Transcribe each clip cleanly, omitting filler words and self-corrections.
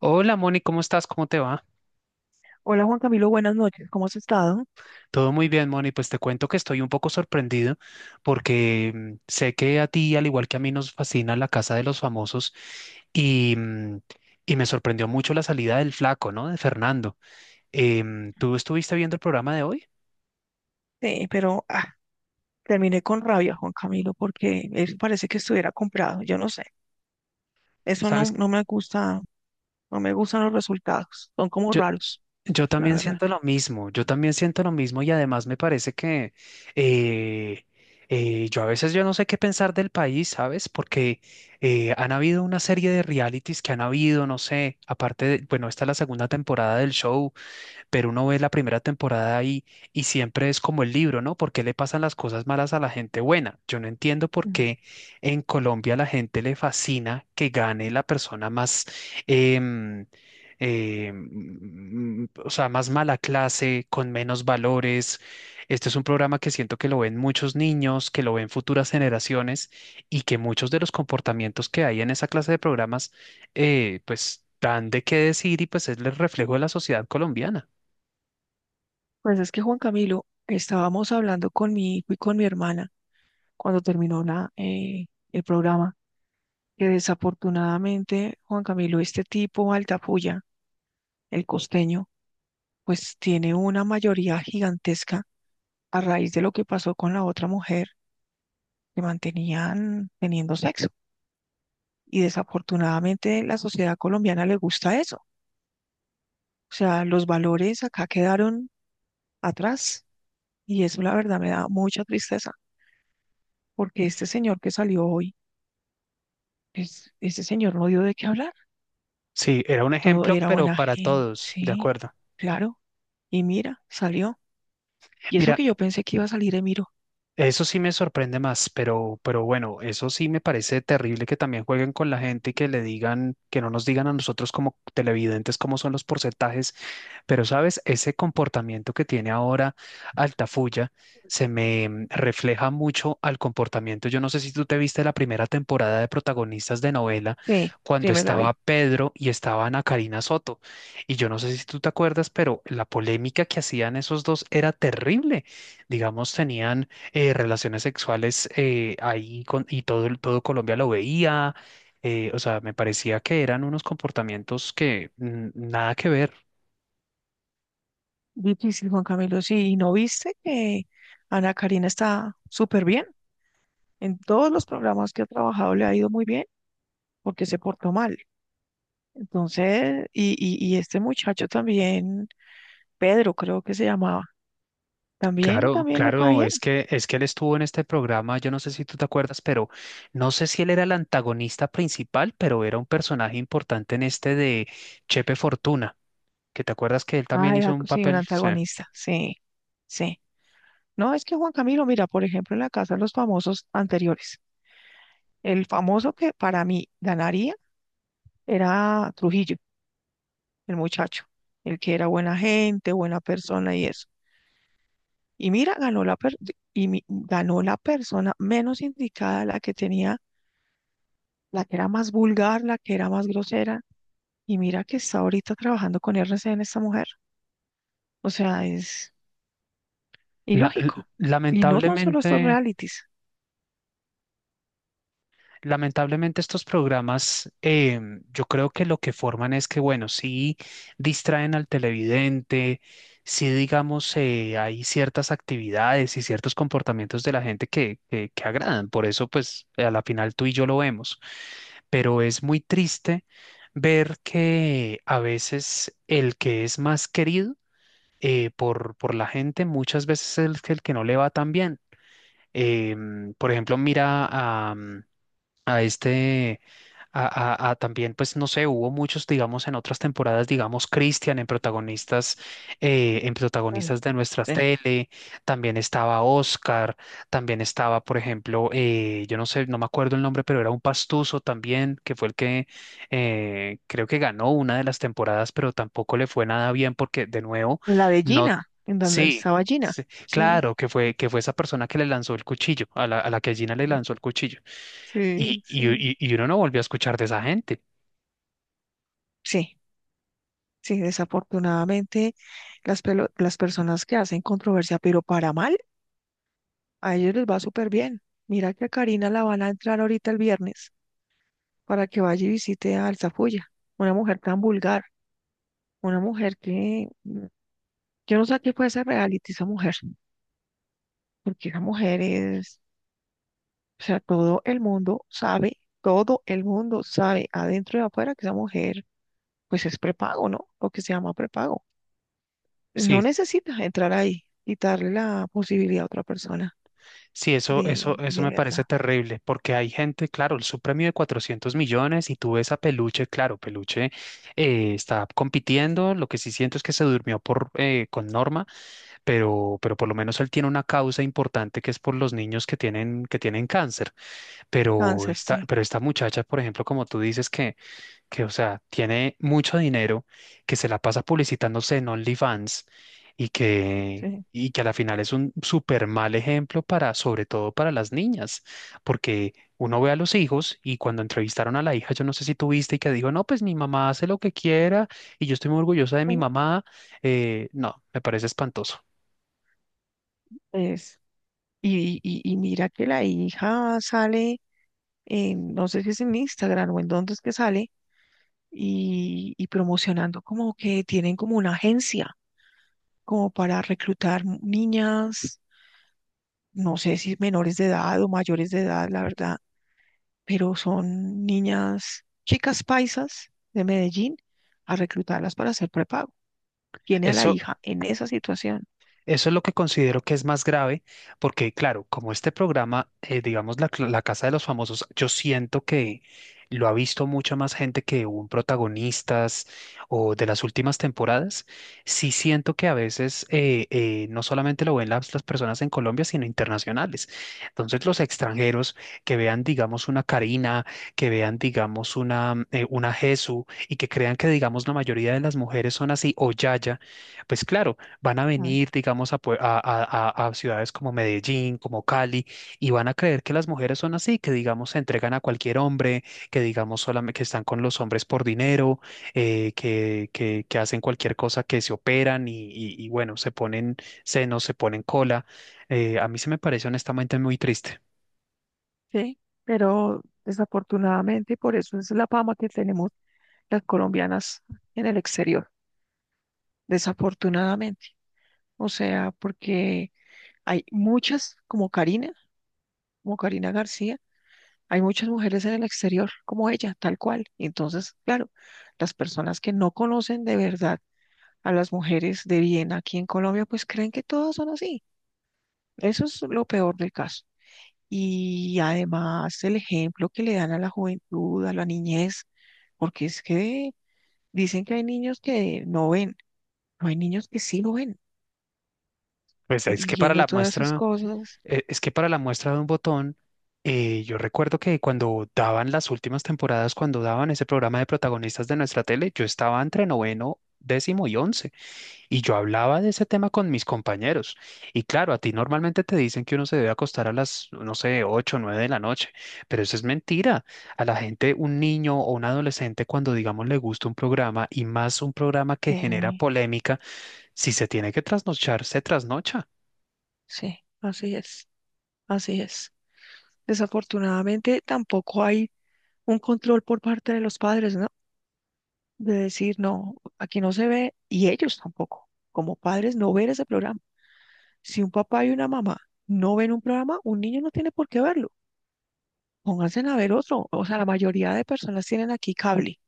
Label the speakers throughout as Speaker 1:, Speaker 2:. Speaker 1: Hola Moni, ¿cómo estás? ¿Cómo te va?
Speaker 2: Hola Juan Camilo, buenas noches, ¿cómo has estado?
Speaker 1: Todo muy bien, Moni. Pues te cuento que estoy un poco sorprendido porque sé que a ti, al igual que a mí, nos fascina La Casa de los Famosos y, mm, y me sorprendió mucho la salida del flaco, ¿no? De Fernando. ¿Tú estuviste viendo el programa de hoy?
Speaker 2: Sí, pero terminé con rabia, Juan Camilo, porque eso parece que estuviera comprado, yo no sé, eso no,
Speaker 1: ¿Sabes?
Speaker 2: no me gusta, no me gustan los resultados, son como raros,
Speaker 1: Yo
Speaker 2: la
Speaker 1: también
Speaker 2: verdad.
Speaker 1: siento lo mismo, yo también siento lo mismo y además me parece que eh, yo a veces yo no sé qué pensar del país, ¿sabes? Porque han habido una serie de realities que han habido, no sé, aparte de, bueno, esta es la segunda temporada del show, pero uno ve la primera temporada y siempre es como el libro, ¿no? ¿Por qué le pasan las cosas malas a la gente buena? Yo no entiendo por
Speaker 2: Ujú.
Speaker 1: qué en Colombia a la gente le fascina que gane la persona más, em, o sea, más mala clase, con menos valores. Este es un programa que siento que lo ven muchos niños, que lo ven futuras generaciones y que muchos de los comportamientos que hay en esa clase de programas, pues dan de qué decir y pues es el reflejo de la sociedad colombiana.
Speaker 2: Pues es que Juan Camilo, estábamos hablando con mi hijo y con mi hermana cuando terminó el programa, que desafortunadamente, Juan Camilo, este tipo Altafulla, el costeño, pues tiene una mayoría gigantesca a raíz de lo que pasó con la otra mujer que mantenían teniendo sexo. Y desafortunadamente la sociedad colombiana le gusta eso. O sea, los valores acá quedaron atrás y eso la verdad me da mucha tristeza porque este señor que salió hoy, es, este señor no dio de qué hablar.
Speaker 1: Sí, era un
Speaker 2: Todo
Speaker 1: ejemplo,
Speaker 2: era
Speaker 1: pero
Speaker 2: buena
Speaker 1: para
Speaker 2: gente,
Speaker 1: todos, de
Speaker 2: sí,
Speaker 1: acuerdo.
Speaker 2: claro. Y mira, salió. Y eso
Speaker 1: Mira,
Speaker 2: que yo pensé que iba a salir Emiro.
Speaker 1: eso sí me sorprende más, pero bueno, eso sí me parece terrible que también jueguen con la gente y que le digan, que no nos digan a nosotros como televidentes cómo son los porcentajes, pero sabes, ese comportamiento que tiene ahora Altafulla se me refleja mucho al comportamiento. Yo no sé si tú te viste la primera temporada de protagonistas de novela
Speaker 2: Sí,
Speaker 1: cuando
Speaker 2: sí me la
Speaker 1: estaba
Speaker 2: vi.
Speaker 1: Pedro y estaba Ana Karina Soto. Y yo no sé si tú te acuerdas, pero la polémica que hacían esos dos era terrible. Digamos, tenían relaciones sexuales ahí con, y todo, todo Colombia lo veía. O sea, me parecía que eran unos comportamientos que nada que ver.
Speaker 2: Difícil, Juan Camilo. Sí, ¿y no viste que Ana Karina está súper bien? En todos los programas que ha trabajado le ha ido muy bien. Porque se portó mal. Entonces, y este muchacho también, Pedro creo que se llamaba, también,
Speaker 1: Claro,
Speaker 2: también le fue
Speaker 1: claro,
Speaker 2: bien.
Speaker 1: es que él estuvo en este programa, yo no sé si tú te acuerdas, pero no sé si él era el antagonista principal, pero era un personaje importante en este de Chepe Fortuna, que te acuerdas que él
Speaker 2: Ah,
Speaker 1: también
Speaker 2: era
Speaker 1: hizo un
Speaker 2: sí, un
Speaker 1: papel, sí.
Speaker 2: antagonista, sí, sí. No, es que Juan Camilo, mira, por ejemplo, en la casa de los famosos anteriores, el famoso que para mí ganaría era Trujillo, el muchacho, el que era buena gente, buena persona y eso. Y mira, ganó la persona menos indicada, la que tenía, la que era más vulgar, la que era más grosera. Y mira que está ahorita trabajando con R C RCN esta mujer. O sea, es
Speaker 1: La- l-
Speaker 2: ilógico. Y no son solo estos
Speaker 1: lamentablemente
Speaker 2: realities.
Speaker 1: Lamentablemente estos programas, yo creo que lo que forman es que, bueno, sí distraen al televidente, sí digamos, hay ciertas actividades y ciertos comportamientos de la gente que agradan. Por eso, pues, a la final tú y yo lo vemos. Pero es muy triste ver que a veces el que es más querido por la gente, muchas veces es el que no le va tan bien. Por ejemplo, mira a este, a también, pues no sé, hubo muchos, digamos, en otras temporadas, digamos, Christian en
Speaker 2: Claro.
Speaker 1: protagonistas de nuestra
Speaker 2: Sí.
Speaker 1: tele, también estaba Oscar, también estaba, por ejemplo, yo no sé, no me acuerdo el nombre, pero era un pastuso también, que fue el que creo que ganó una de las temporadas, pero tampoco le fue nada bien porque, de nuevo,
Speaker 2: La de
Speaker 1: no,
Speaker 2: Gina, en donde
Speaker 1: sí.
Speaker 2: estaba Gina.
Speaker 1: Sí,
Speaker 2: Sí,
Speaker 1: claro, que fue esa persona que le lanzó el cuchillo, a la que Gina le lanzó el cuchillo
Speaker 2: sí,
Speaker 1: y, y-
Speaker 2: sí.
Speaker 1: y- y uno no volvió a escuchar de esa gente.
Speaker 2: Sí, sí, desafortunadamente las personas que hacen controversia, pero para mal, a ellos les va súper bien. Mira que a Karina la van a entrar ahorita el viernes para que vaya y visite a Alzafulla, una mujer tan vulgar, una mujer que yo no sé a qué puede ser reality esa mujer. Porque esa mujer es, o sea, todo el mundo sabe, todo el mundo sabe adentro y afuera que esa mujer, pues es prepago, ¿no? Lo que se llama prepago.
Speaker 1: Sí,
Speaker 2: No necesitas entrar ahí, quitarle la posibilidad a otra persona
Speaker 1: sí, eso, eso, eso
Speaker 2: de
Speaker 1: me
Speaker 2: verdad.
Speaker 1: parece terrible, porque hay gente, claro, el premio de 400 millones y tú ves a Peluche, claro, Peluche está compitiendo, lo que sí siento es que se durmió por, con Norma, pero por lo menos él tiene una causa importante que es por los niños que tienen cáncer,
Speaker 2: Cáncer, sí,
Speaker 1: pero esta muchacha, por ejemplo, como tú dices, que, o sea, tiene mucho dinero, que se la pasa publicitándose en OnlyFans
Speaker 2: sí.
Speaker 1: y que a la final es un súper mal ejemplo para, sobre todo para las niñas, porque uno ve a los hijos y cuando entrevistaron a la hija, yo no sé si tú viste y que dijo, no, pues mi mamá hace lo que quiera y yo estoy muy orgullosa de mi
Speaker 2: Sí,
Speaker 1: mamá. No, me parece espantoso.
Speaker 2: es, y mira que la hija sale, no sé si es en Instagram o en dónde es que sale, y promocionando como que tienen como una agencia como para reclutar niñas, no sé si menores de edad o mayores de edad, la verdad, pero son niñas, chicas paisas de Medellín, a reclutarlas para hacer prepago. Tiene a la
Speaker 1: eso
Speaker 2: hija en esa situación.
Speaker 1: Eso es lo que considero que es más grave, porque claro, como este programa, digamos, la Casa de los Famosos, yo siento que lo ha visto mucha más gente que un protagonistas o de las últimas temporadas. Sí siento que a veces no solamente lo ven las personas en Colombia, sino internacionales. Entonces, los extranjeros que vean, digamos, una Karina, que vean, digamos, una Jesu y que crean que, digamos, la mayoría de las mujeres son así o Yaya. Pues claro, van a
Speaker 2: Ujú.
Speaker 1: venir, digamos, a, pue- a ciudades como Medellín, como Cali, y van a creer que las mujeres son así, que, digamos, se entregan a cualquier hombre, que, digamos, solamente que están con los hombres por dinero, que, que hacen cualquier cosa, que se operan y, y, bueno, se ponen senos, se ponen cola. A mí se me parece honestamente muy triste.
Speaker 2: Sí, pero desafortunadamente, y por eso es la fama que tenemos las colombianas en el exterior, desafortunadamente. O sea, porque hay muchas, como Karina García, hay muchas mujeres en el exterior como ella, tal cual. Entonces, claro, las personas que no conocen de verdad a las mujeres de bien aquí en Colombia, pues creen que todas son así. Eso es lo peor del caso. Y además el ejemplo que le dan a la juventud, a la niñez, porque es que dicen que hay niños que no ven, no hay niños que sí lo ven,
Speaker 1: Pues
Speaker 2: y
Speaker 1: es
Speaker 2: y
Speaker 1: que para
Speaker 2: viendo
Speaker 1: la
Speaker 2: todas esas
Speaker 1: muestra...
Speaker 2: cosas,
Speaker 1: Es que para la muestra de un botón, yo recuerdo que cuando daban las últimas temporadas, cuando daban ese programa de protagonistas de nuestra tele, yo estaba entre noveno, décimo y once, y yo hablaba de ese tema con mis compañeros. Y claro, a ti normalmente te dicen que uno se debe acostar a las, no sé, 8 o 9 de la noche, pero eso es mentira. A la gente, un niño o un adolescente, cuando digamos le gusta un programa y más un programa que genera
Speaker 2: eh,
Speaker 1: polémica, si se tiene que trasnochar, se trasnocha.
Speaker 2: sí, así es, así es. Desafortunadamente tampoco hay un control por parte de los padres, ¿no? De decir, no, aquí no se ve, y ellos tampoco, como padres, no ver ese programa. Si un papá y una mamá no ven un programa, un niño no tiene por qué verlo. Pónganse a ver otro. O sea, la mayoría de personas tienen aquí cable.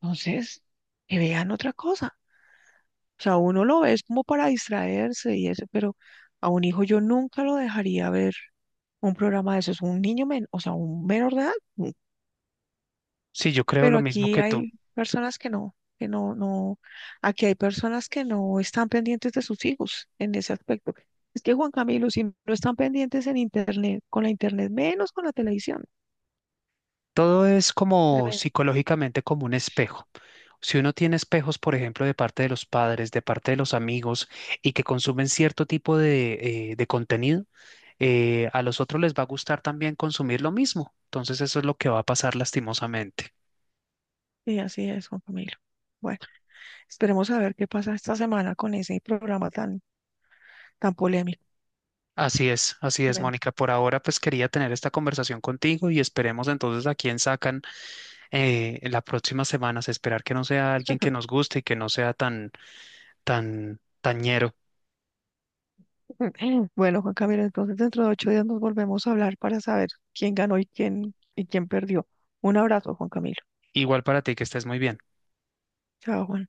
Speaker 2: Entonces, que vean otra cosa. O sea, uno lo ve es como para distraerse y eso, pero a un hijo yo nunca lo dejaría ver un programa de esos. Un niño, men o sea, un menor de edad. No.
Speaker 1: Sí, yo creo
Speaker 2: Pero
Speaker 1: lo mismo
Speaker 2: aquí
Speaker 1: que tú.
Speaker 2: hay personas que no, no. Aquí hay personas que no están pendientes de sus hijos en ese aspecto. Es que Juan Camilo, si no están pendientes en internet, con la internet, menos con la televisión.
Speaker 1: Todo es como
Speaker 2: Tremendo.
Speaker 1: psicológicamente como un espejo. Si uno tiene espejos, por ejemplo, de parte de los padres, de parte de los amigos, y que consumen cierto tipo de contenido, a los otros les va a gustar también consumir lo mismo. Entonces eso es lo que va a pasar lastimosamente.
Speaker 2: Y así es, Juan Camilo. Bueno. Esperemos a ver qué pasa esta semana con ese programa tan, tan polémico.
Speaker 1: Así es,
Speaker 2: Tremendo.
Speaker 1: Mónica. Por ahora, pues quería tener esta conversación contigo y esperemos entonces a quién sacan en las próximas semanas. Esperar que no sea alguien que nos guste y que no sea tan, tañero.
Speaker 2: Bueno, Juan Camilo, entonces dentro de 8 días nos volvemos a hablar para saber quién ganó y quién perdió. Un abrazo, Juan Camilo.
Speaker 1: Igual para ti, que estés muy bien.
Speaker 2: Chao, Juan.